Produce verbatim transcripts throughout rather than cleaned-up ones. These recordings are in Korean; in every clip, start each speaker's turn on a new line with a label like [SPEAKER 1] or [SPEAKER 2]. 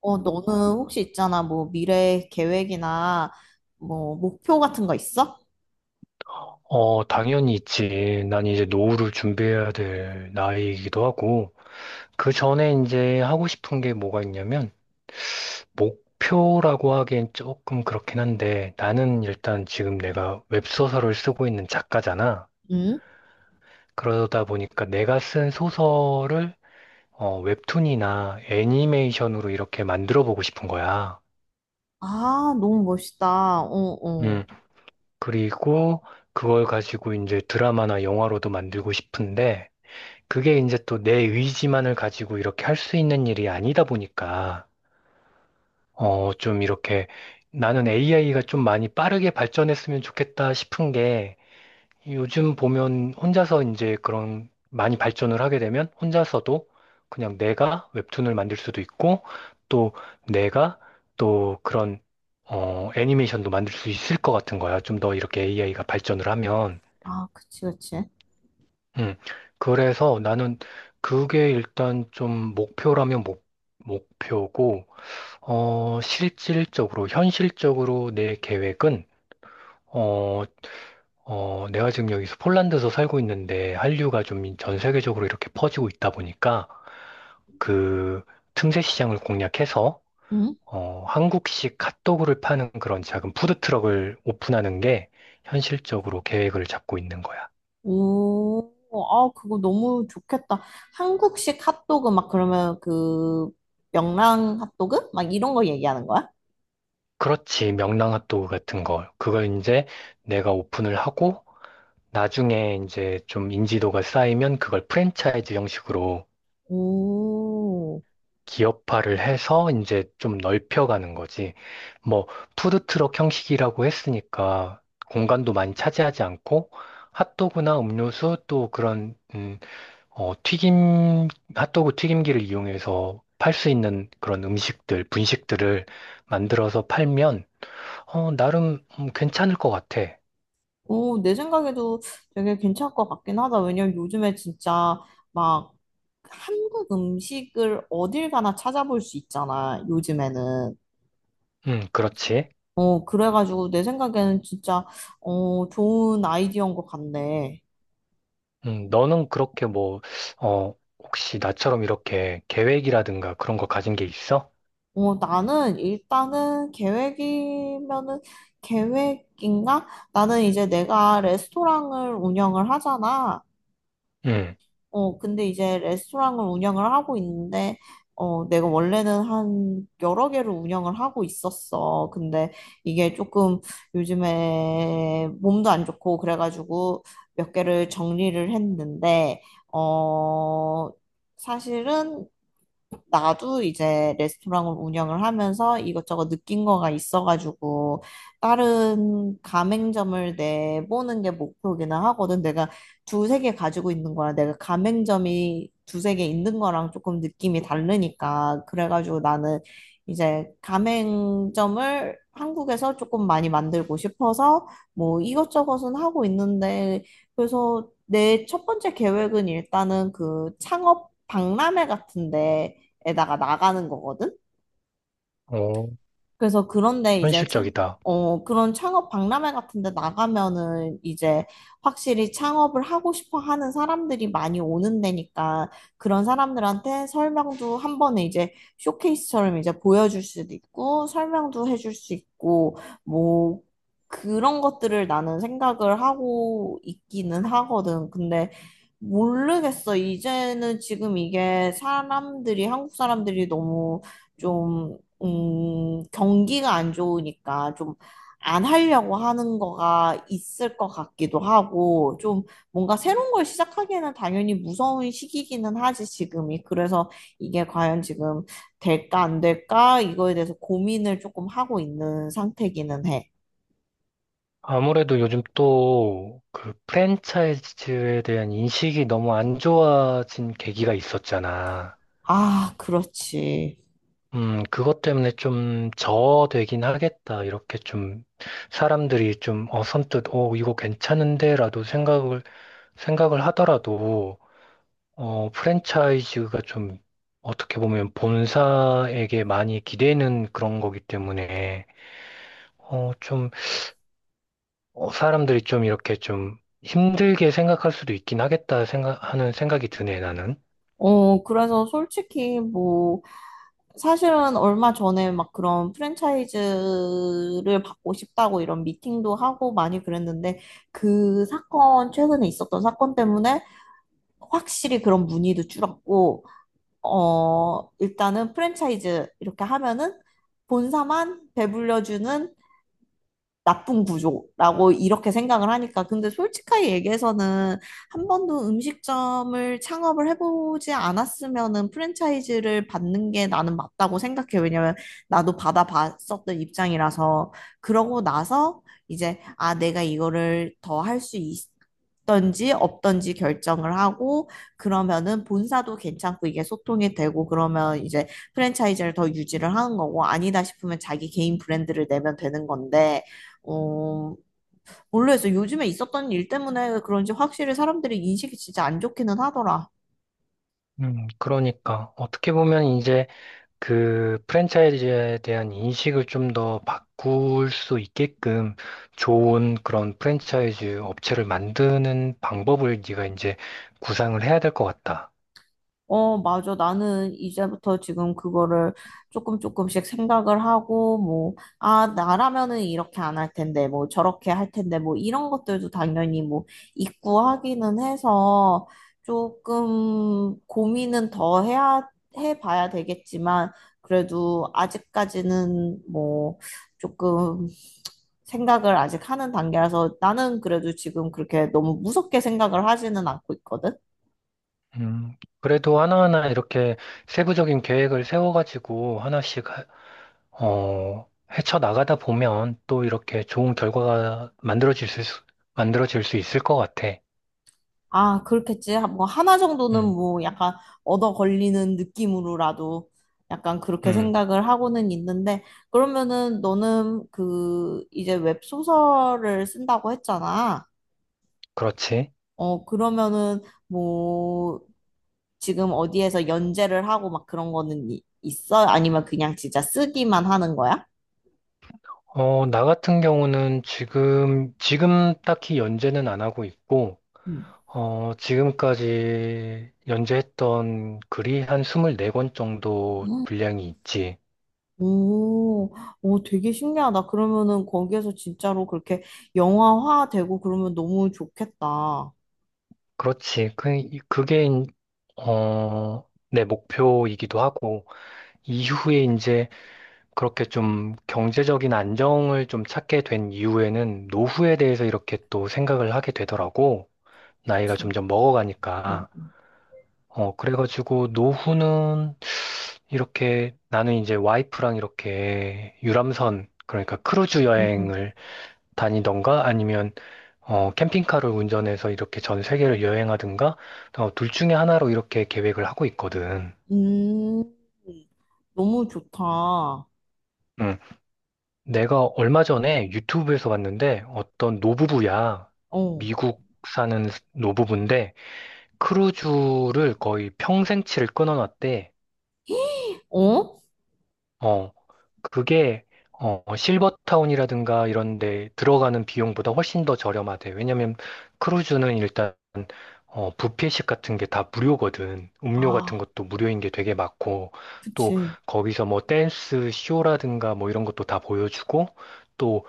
[SPEAKER 1] 어, 너는 혹시 있잖아, 뭐, 미래 계획이나, 뭐, 목표 같은 거 있어?
[SPEAKER 2] 어, 당연히 있지. 난 이제 노후를 준비해야 될 나이이기도 하고, 그 전에 이제 하고 싶은 게 뭐가 있냐면, 목표라고 하기엔 조금 그렇긴 한데, 나는 일단 지금 내가 웹소설을 쓰고 있는 작가잖아.
[SPEAKER 1] 응?
[SPEAKER 2] 그러다 보니까 내가 쓴 소설을 어, 웹툰이나 애니메이션으로 이렇게 만들어 보고 싶은 거야.
[SPEAKER 1] 아, 너무 멋있다. 어, 어.
[SPEAKER 2] 음, 그리고 그걸 가지고 이제 드라마나 영화로도 만들고 싶은데, 그게 이제 또 내 의지만을 가지고 이렇게 할 수 있는 일이 아니다 보니까, 어, 좀 이렇게 나는 에이아이가 좀 많이 빠르게 발전했으면 좋겠다 싶은 게 요즘 보면 혼자서 이제 그런 많이 발전을 하게 되면 혼자서도 그냥 내가 웹툰을 만들 수도 있고 또 내가 또 그런 어, 애니메이션도 만들 수 있을 것 같은 거야. 좀 더 이렇게 에이아이가 발전을 하면.
[SPEAKER 1] 아, 그치, 그치.
[SPEAKER 2] 음. 그래서 나는 그게 일단 좀 목표라면 목, 목표고, 어, 실질적으로, 현실적으로 내 계획은, 어, 어, 내가 지금 여기서 폴란드에서 살고 있는데 한류가 좀 전 세계적으로 이렇게 퍼지고 있다 보니까 그 틈새 시장을 공략해서,
[SPEAKER 1] 응?
[SPEAKER 2] 어, 한국식 핫도그를 파는 그런 작은 푸드트럭을 오픈하는 게 현실적으로 계획을 잡고 있는 거야.
[SPEAKER 1] 오, 아, 그거 너무 좋겠다. 한국식 핫도그 막 그러면 그 명랑 핫도그? 막 이런 거 얘기하는 거야?
[SPEAKER 2] 그렇지. 명랑핫도그 같은 거. 그걸 이제 내가 오픈을 하고 나중에 이제 좀 인지도가 쌓이면 그걸 프랜차이즈 형식으로
[SPEAKER 1] 오,
[SPEAKER 2] 기업화를 해서 이제 좀 넓혀가는 거지. 뭐 푸드트럭 형식이라고 했으니까 공간도 많이 차지하지 않고 핫도그나 음료수 또 그런 음, 어, 튀김 핫도그 튀김기를 이용해서 팔 수 있는 그런 음식들, 분식들을 만들어서 팔면 어, 나름 음, 괜찮을 것 같아.
[SPEAKER 1] 오, 내 생각에도 되게 괜찮을 것 같긴 하다. 왜냐면 요즘에 진짜 막 한국 음식을 어딜 가나 찾아볼 수 있잖아, 요즘에는.
[SPEAKER 2] 음, 그렇지.
[SPEAKER 1] 어, 그래가지고 내 생각에는 진짜, 어, 좋은 아이디어인 것 같네.
[SPEAKER 2] 음, 너는 그렇게 뭐, 어, 혹시 나처럼 이렇게 계획이라든가 그런 거 가진 게 있어?
[SPEAKER 1] 어, 나는 일단은 계획이면은 계획인가? 나는 이제 내가 레스토랑을 운영을 하잖아.
[SPEAKER 2] 음,
[SPEAKER 1] 어, 근데 이제 레스토랑을 운영을 하고 있는데, 어, 내가 원래는 한 여러 개를 운영을 하고 있었어. 근데 이게 조금 요즘에 몸도 안 좋고 그래가지고 몇 개를 정리를 했는데, 어, 사실은 나도 이제 레스토랑을 운영을 하면서 이것저것 느낀 거가 있어가지고 다른 가맹점을 내보는 게 목표기는 하거든. 내가 두세 개 가지고 있는 거랑 내가 가맹점이 두세 개 있는 거랑 조금 느낌이 다르니까. 그래가지고 나는 이제 가맹점을 한국에서 조금 많이 만들고 싶어서 뭐 이것저것은 하고 있는데, 그래서 내 첫 번째 계획은 일단은 그 창업 박람회 같은데 에다가 나가는 거거든.
[SPEAKER 2] 어,
[SPEAKER 1] 그래서 그런데 이제 창,
[SPEAKER 2] 현실적이다.
[SPEAKER 1] 어, 그런 창업 박람회 같은 데 나가면은 이제 확실히 창업을 하고 싶어 하는 사람들이 많이 오는 데니까 그런 사람들한테 설명도 한 번에 이제 쇼케이스처럼 이제 보여줄 수도 있고 설명도 해줄 수 있고, 뭐 그런 것들을 나는 생각을 하고 있기는 하거든. 근데 모르겠어. 이제는 지금 이게 사람들이, 한국 사람들이 너무 좀 음, 경기가 안 좋으니까 좀 안 하려고 하는 거가 있을 것 같기도 하고, 좀 뭔가 새로운 걸 시작하기에는 당연히 무서운 시기기는 하지, 지금이. 그래서 이게 과연 지금 될까, 안 될까? 이거에 대해서 고민을 조금 하고 있는 상태기는 해.
[SPEAKER 2] 아무래도 요즘 또 그 프랜차이즈에 대한 인식이 너무 안 좋아진 계기가 있었잖아.
[SPEAKER 1] 아, 그렇지.
[SPEAKER 2] 음, 그것 때문에 좀 저되긴 하겠다. 이렇게 좀 사람들이 좀 어, 선뜻, 어, 이거 괜찮은데라도 생각을, 생각을 하더라도 어, 프랜차이즈가 좀 어떻게 보면 본사에게 많이 기대는 그런 거기 때문에 어, 좀 어, 사람들이 좀 이렇게 좀 힘들게 생각할 수도 있긴 하겠다 생각, 하는 생각이 드네, 나는.
[SPEAKER 1] 어, 그래서 솔직히 뭐, 사실은 얼마 전에 막 그런 프랜차이즈를 받고 싶다고 이런 미팅도 하고 많이 그랬는데, 그 사건, 최근에 있었던 사건 때문에 확실히 그런 문의도 줄었고, 어, 일단은 프랜차이즈 이렇게 하면은 본사만 배불려주는 나쁜 구조라고 이렇게 생각을 하니까. 근데 솔직하게 얘기해서는 한 번도 음식점을 창업을 해보지 않았으면은 프랜차이즈를 받는 게 나는 맞다고 생각해. 왜냐면 나도 받아봤었던 입장이라서. 그러고 나서 이제, 아, 내가 이거를 더 할 수 있던지 없던지 결정을 하고, 그러면은 본사도 괜찮고 이게 소통이 되고, 그러면 이제 프랜차이즈를 더 유지를 하는 거고, 아니다 싶으면 자기 개인 브랜드를 내면 되는 건데, 어, 모르겠 요즘에 있었던 일 때문에 그런지 확실히 사람들이 인식이 진짜 안 좋기는 하더라.
[SPEAKER 2] 음, 그러니까 어떻게 보면 이제 그 프랜차이즈에 대한 인식을 좀 더 바꿀 수 있게끔 좋은 그런 프랜차이즈 업체를 만드는 방법을 네가 이제 구상을 해야 될 것 같다.
[SPEAKER 1] 어, 맞아. 나는 이제부터 지금 그거를 조금 조금씩 생각을 하고, 뭐, 아, 나라면은 이렇게 안 할 텐데, 뭐, 저렇게 할 텐데, 뭐, 이런 것들도 당연히 뭐, 있고 하기는 해서 조금 고민은 더 해야, 해봐야 되겠지만, 그래도 아직까지는 뭐, 조금 생각을 아직 하는 단계라서 나는 그래도 지금 그렇게 너무 무섭게 생각을 하지는 않고 있거든.
[SPEAKER 2] 음, 그래도 하나하나 이렇게 세부적인 계획을 세워가지고 하나씩, 하- 어, 헤쳐나가다 보면 또 이렇게 좋은 결과가 만들어질 수, 만들어질 수 있을 것 같아.
[SPEAKER 1] 아, 그렇겠지. 하- 뭐, 하나 정도는
[SPEAKER 2] 음,
[SPEAKER 1] 뭐, 약간, 얻어 걸리는 느낌으로라도, 약간 그렇게
[SPEAKER 2] 음,
[SPEAKER 1] 생각을 하고는 있는데, 그러면은 너는 그, 이제 웹소설을 쓴다고 했잖아.
[SPEAKER 2] 그렇지.
[SPEAKER 1] 어, 그러면은, 뭐, 지금 어디에서 연재를 하고 막 그런 거는 이- 있어? 아니면 그냥 진짜 쓰기만 하는 거야?
[SPEAKER 2] 어, 나 같은 경우는 지금, 지금 딱히 연재는 안 하고 있고,
[SPEAKER 1] 음.
[SPEAKER 2] 어, 지금까지 연재했던 글이 한 이십사 권 정도 분량이 있지.
[SPEAKER 1] 오, 오, 되게 신기하다. 그러면은 거기에서 진짜로 그렇게 영화화 되고 그러면 너무 좋겠다.
[SPEAKER 2] 그렇지. 그, 그게, 인- 어, 내 목표이기도 하고, 이후에 이제 그렇게 좀 경제적인 안정을 좀 찾게 된 이후에는 노후에 대해서 이렇게 또 생각을 하게 되더라고. 나이가
[SPEAKER 1] 그치?
[SPEAKER 2] 점점
[SPEAKER 1] 응,
[SPEAKER 2] 먹어가니까.
[SPEAKER 1] 응,
[SPEAKER 2] 어, 그래가지고 노후는 이렇게 나는 이제 와이프랑 이렇게 유람선, 그러니까 크루즈
[SPEAKER 1] 응, 응.
[SPEAKER 2] 여행을 다니던가 아니면 어, 캠핑카를 운전해서 이렇게 전 세계를 여행하든가 어, 둘 중에 하나로 이렇게 계획을 하고 있거든.
[SPEAKER 1] 음, 너무 좋다. 어,
[SPEAKER 2] 음. 내가 얼마 전에 유튜브에서 봤는데 어떤 노부부야. 미국 사는 노부부인데 크루즈를 거의 평생치를 끊어놨대.
[SPEAKER 1] 어?
[SPEAKER 2] 어, 그게 어, 실버타운이라든가 이런 데 들어가는 비용보다 훨씬 더 저렴하대. 왜냐면 크루즈는 일단 어, 뷔페식 같은 게 다 무료거든. 음료 같은
[SPEAKER 1] 아,
[SPEAKER 2] 것도 무료인 게 되게 많고, 또
[SPEAKER 1] 그치.
[SPEAKER 2] 거기서 뭐 댄스 쇼라든가 뭐 이런 것도 다 보여주고, 또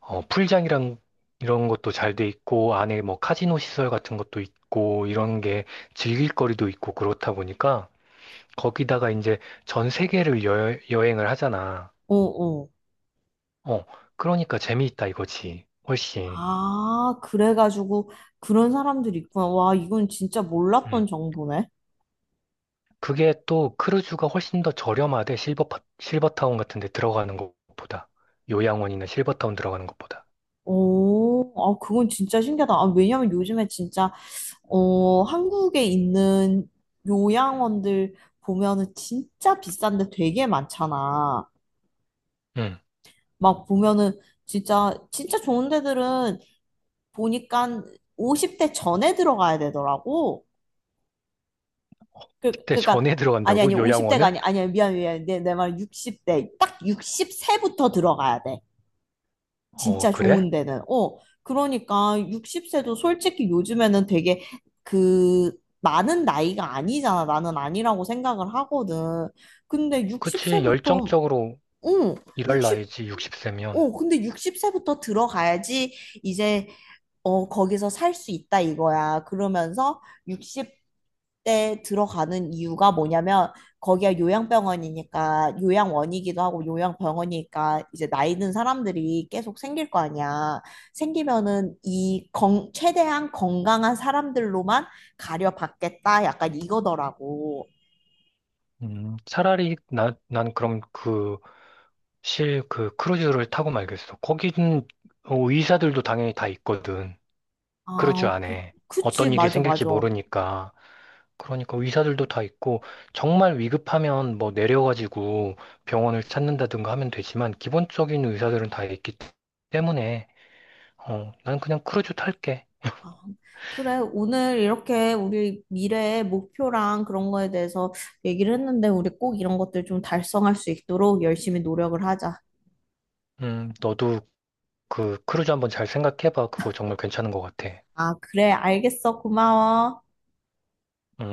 [SPEAKER 2] 어, 풀장이랑 이런 것도 잘 돼 있고, 안에 뭐 카지노 시설 같은 것도 있고, 이런 게 즐길 거리도 있고 그렇다 보니까, 거기다가 이제 전 세계를 여, 여행을 하잖아.
[SPEAKER 1] 어, 어.
[SPEAKER 2] 어, 그러니까 재미있다 이거지. 훨씬.
[SPEAKER 1] 아, 그래가지고 그런 사람들이 있구나. 와, 이건 진짜
[SPEAKER 2] 음.
[SPEAKER 1] 몰랐던 정보네.
[SPEAKER 2] 그게 또 크루즈가 훨씬 더 저렴하대, 실버, 파- 실버타운 같은 데 들어가는 것보다. 요양원이나 실버타운 들어가는 것보다.
[SPEAKER 1] 오, 아, 그건 진짜 신기하다. 아, 왜냐면 요즘에 진짜 어, 한국에 있는 요양원들 보면은 진짜 비싼데 되게 많잖아.
[SPEAKER 2] 응.
[SPEAKER 1] 막 보면은 진짜, 진짜 좋은 데들은 보니까 오십 대 전에 들어가야 되더라고. 그,
[SPEAKER 2] 그때
[SPEAKER 1] 그니까,
[SPEAKER 2] 전에
[SPEAKER 1] 아니, 아니,
[SPEAKER 2] 들어간다고?
[SPEAKER 1] 오십 대가
[SPEAKER 2] 요양원을?
[SPEAKER 1] 아니, 아니야, 미안, 미안. 내, 내 말 육십 대. 딱육 세부터 들어가야 돼.
[SPEAKER 2] 어,
[SPEAKER 1] 진짜
[SPEAKER 2] 그래?
[SPEAKER 1] 좋은 데는. 어, 그러니까 육십 세도 솔직히 요즘에는 되게 그 많은 나이가 아니잖아. 나는 아니라고 생각을 하거든. 근데
[SPEAKER 2] 그치,
[SPEAKER 1] 육십 세부터,
[SPEAKER 2] 열정적으로
[SPEAKER 1] 응,
[SPEAKER 2] 일할
[SPEAKER 1] 육십,
[SPEAKER 2] 나이지, 육십 세면.
[SPEAKER 1] 어, 근데 육십 세부터 들어가야지 이제 어, 거기서 살 수 있다 이거야. 그러면서 육십 대 들어가는 이유가 뭐냐면 거기가 요양병원이니까 요양원이기도 하고 요양병원이니까 이제 나이 든 사람들이 계속 생길 거 아니야. 생기면은 이 건, 최대한 건강한 사람들로만 가려받겠다. 약간 이거더라고.
[SPEAKER 2] 음, 차라리, 나, 난 그럼 그, 실, 그 크루즈를 타고 말겠어. 거기는 어, 의사들도 당연히 다 있거든. 크루즈
[SPEAKER 1] 아, 그,
[SPEAKER 2] 안에.
[SPEAKER 1] 그치.
[SPEAKER 2] 어떤 일이
[SPEAKER 1] 맞아,
[SPEAKER 2] 생길지
[SPEAKER 1] 맞아.
[SPEAKER 2] 모르니까. 그러니까 의사들도 다 있고 정말 위급하면 뭐 내려가지고 병원을 찾는다든가 하면 되지만 기본적인 의사들은 다 있기 때문에 어, 난 그냥 크루즈 탈게.
[SPEAKER 1] 아, 그래, 오늘 이렇게 우리 미래의 목표랑 그런 거에 대해서 얘기를 했는데, 우리 꼭 이런 것들 좀 달성할 수 있도록 열심히 노력을 하자.
[SPEAKER 2] 음, 너도 그 크루즈 한번 잘 생각해봐. 그거 정말 괜찮은 것 같아.
[SPEAKER 1] 아, 그래, 알겠어. 고마워.
[SPEAKER 2] 음.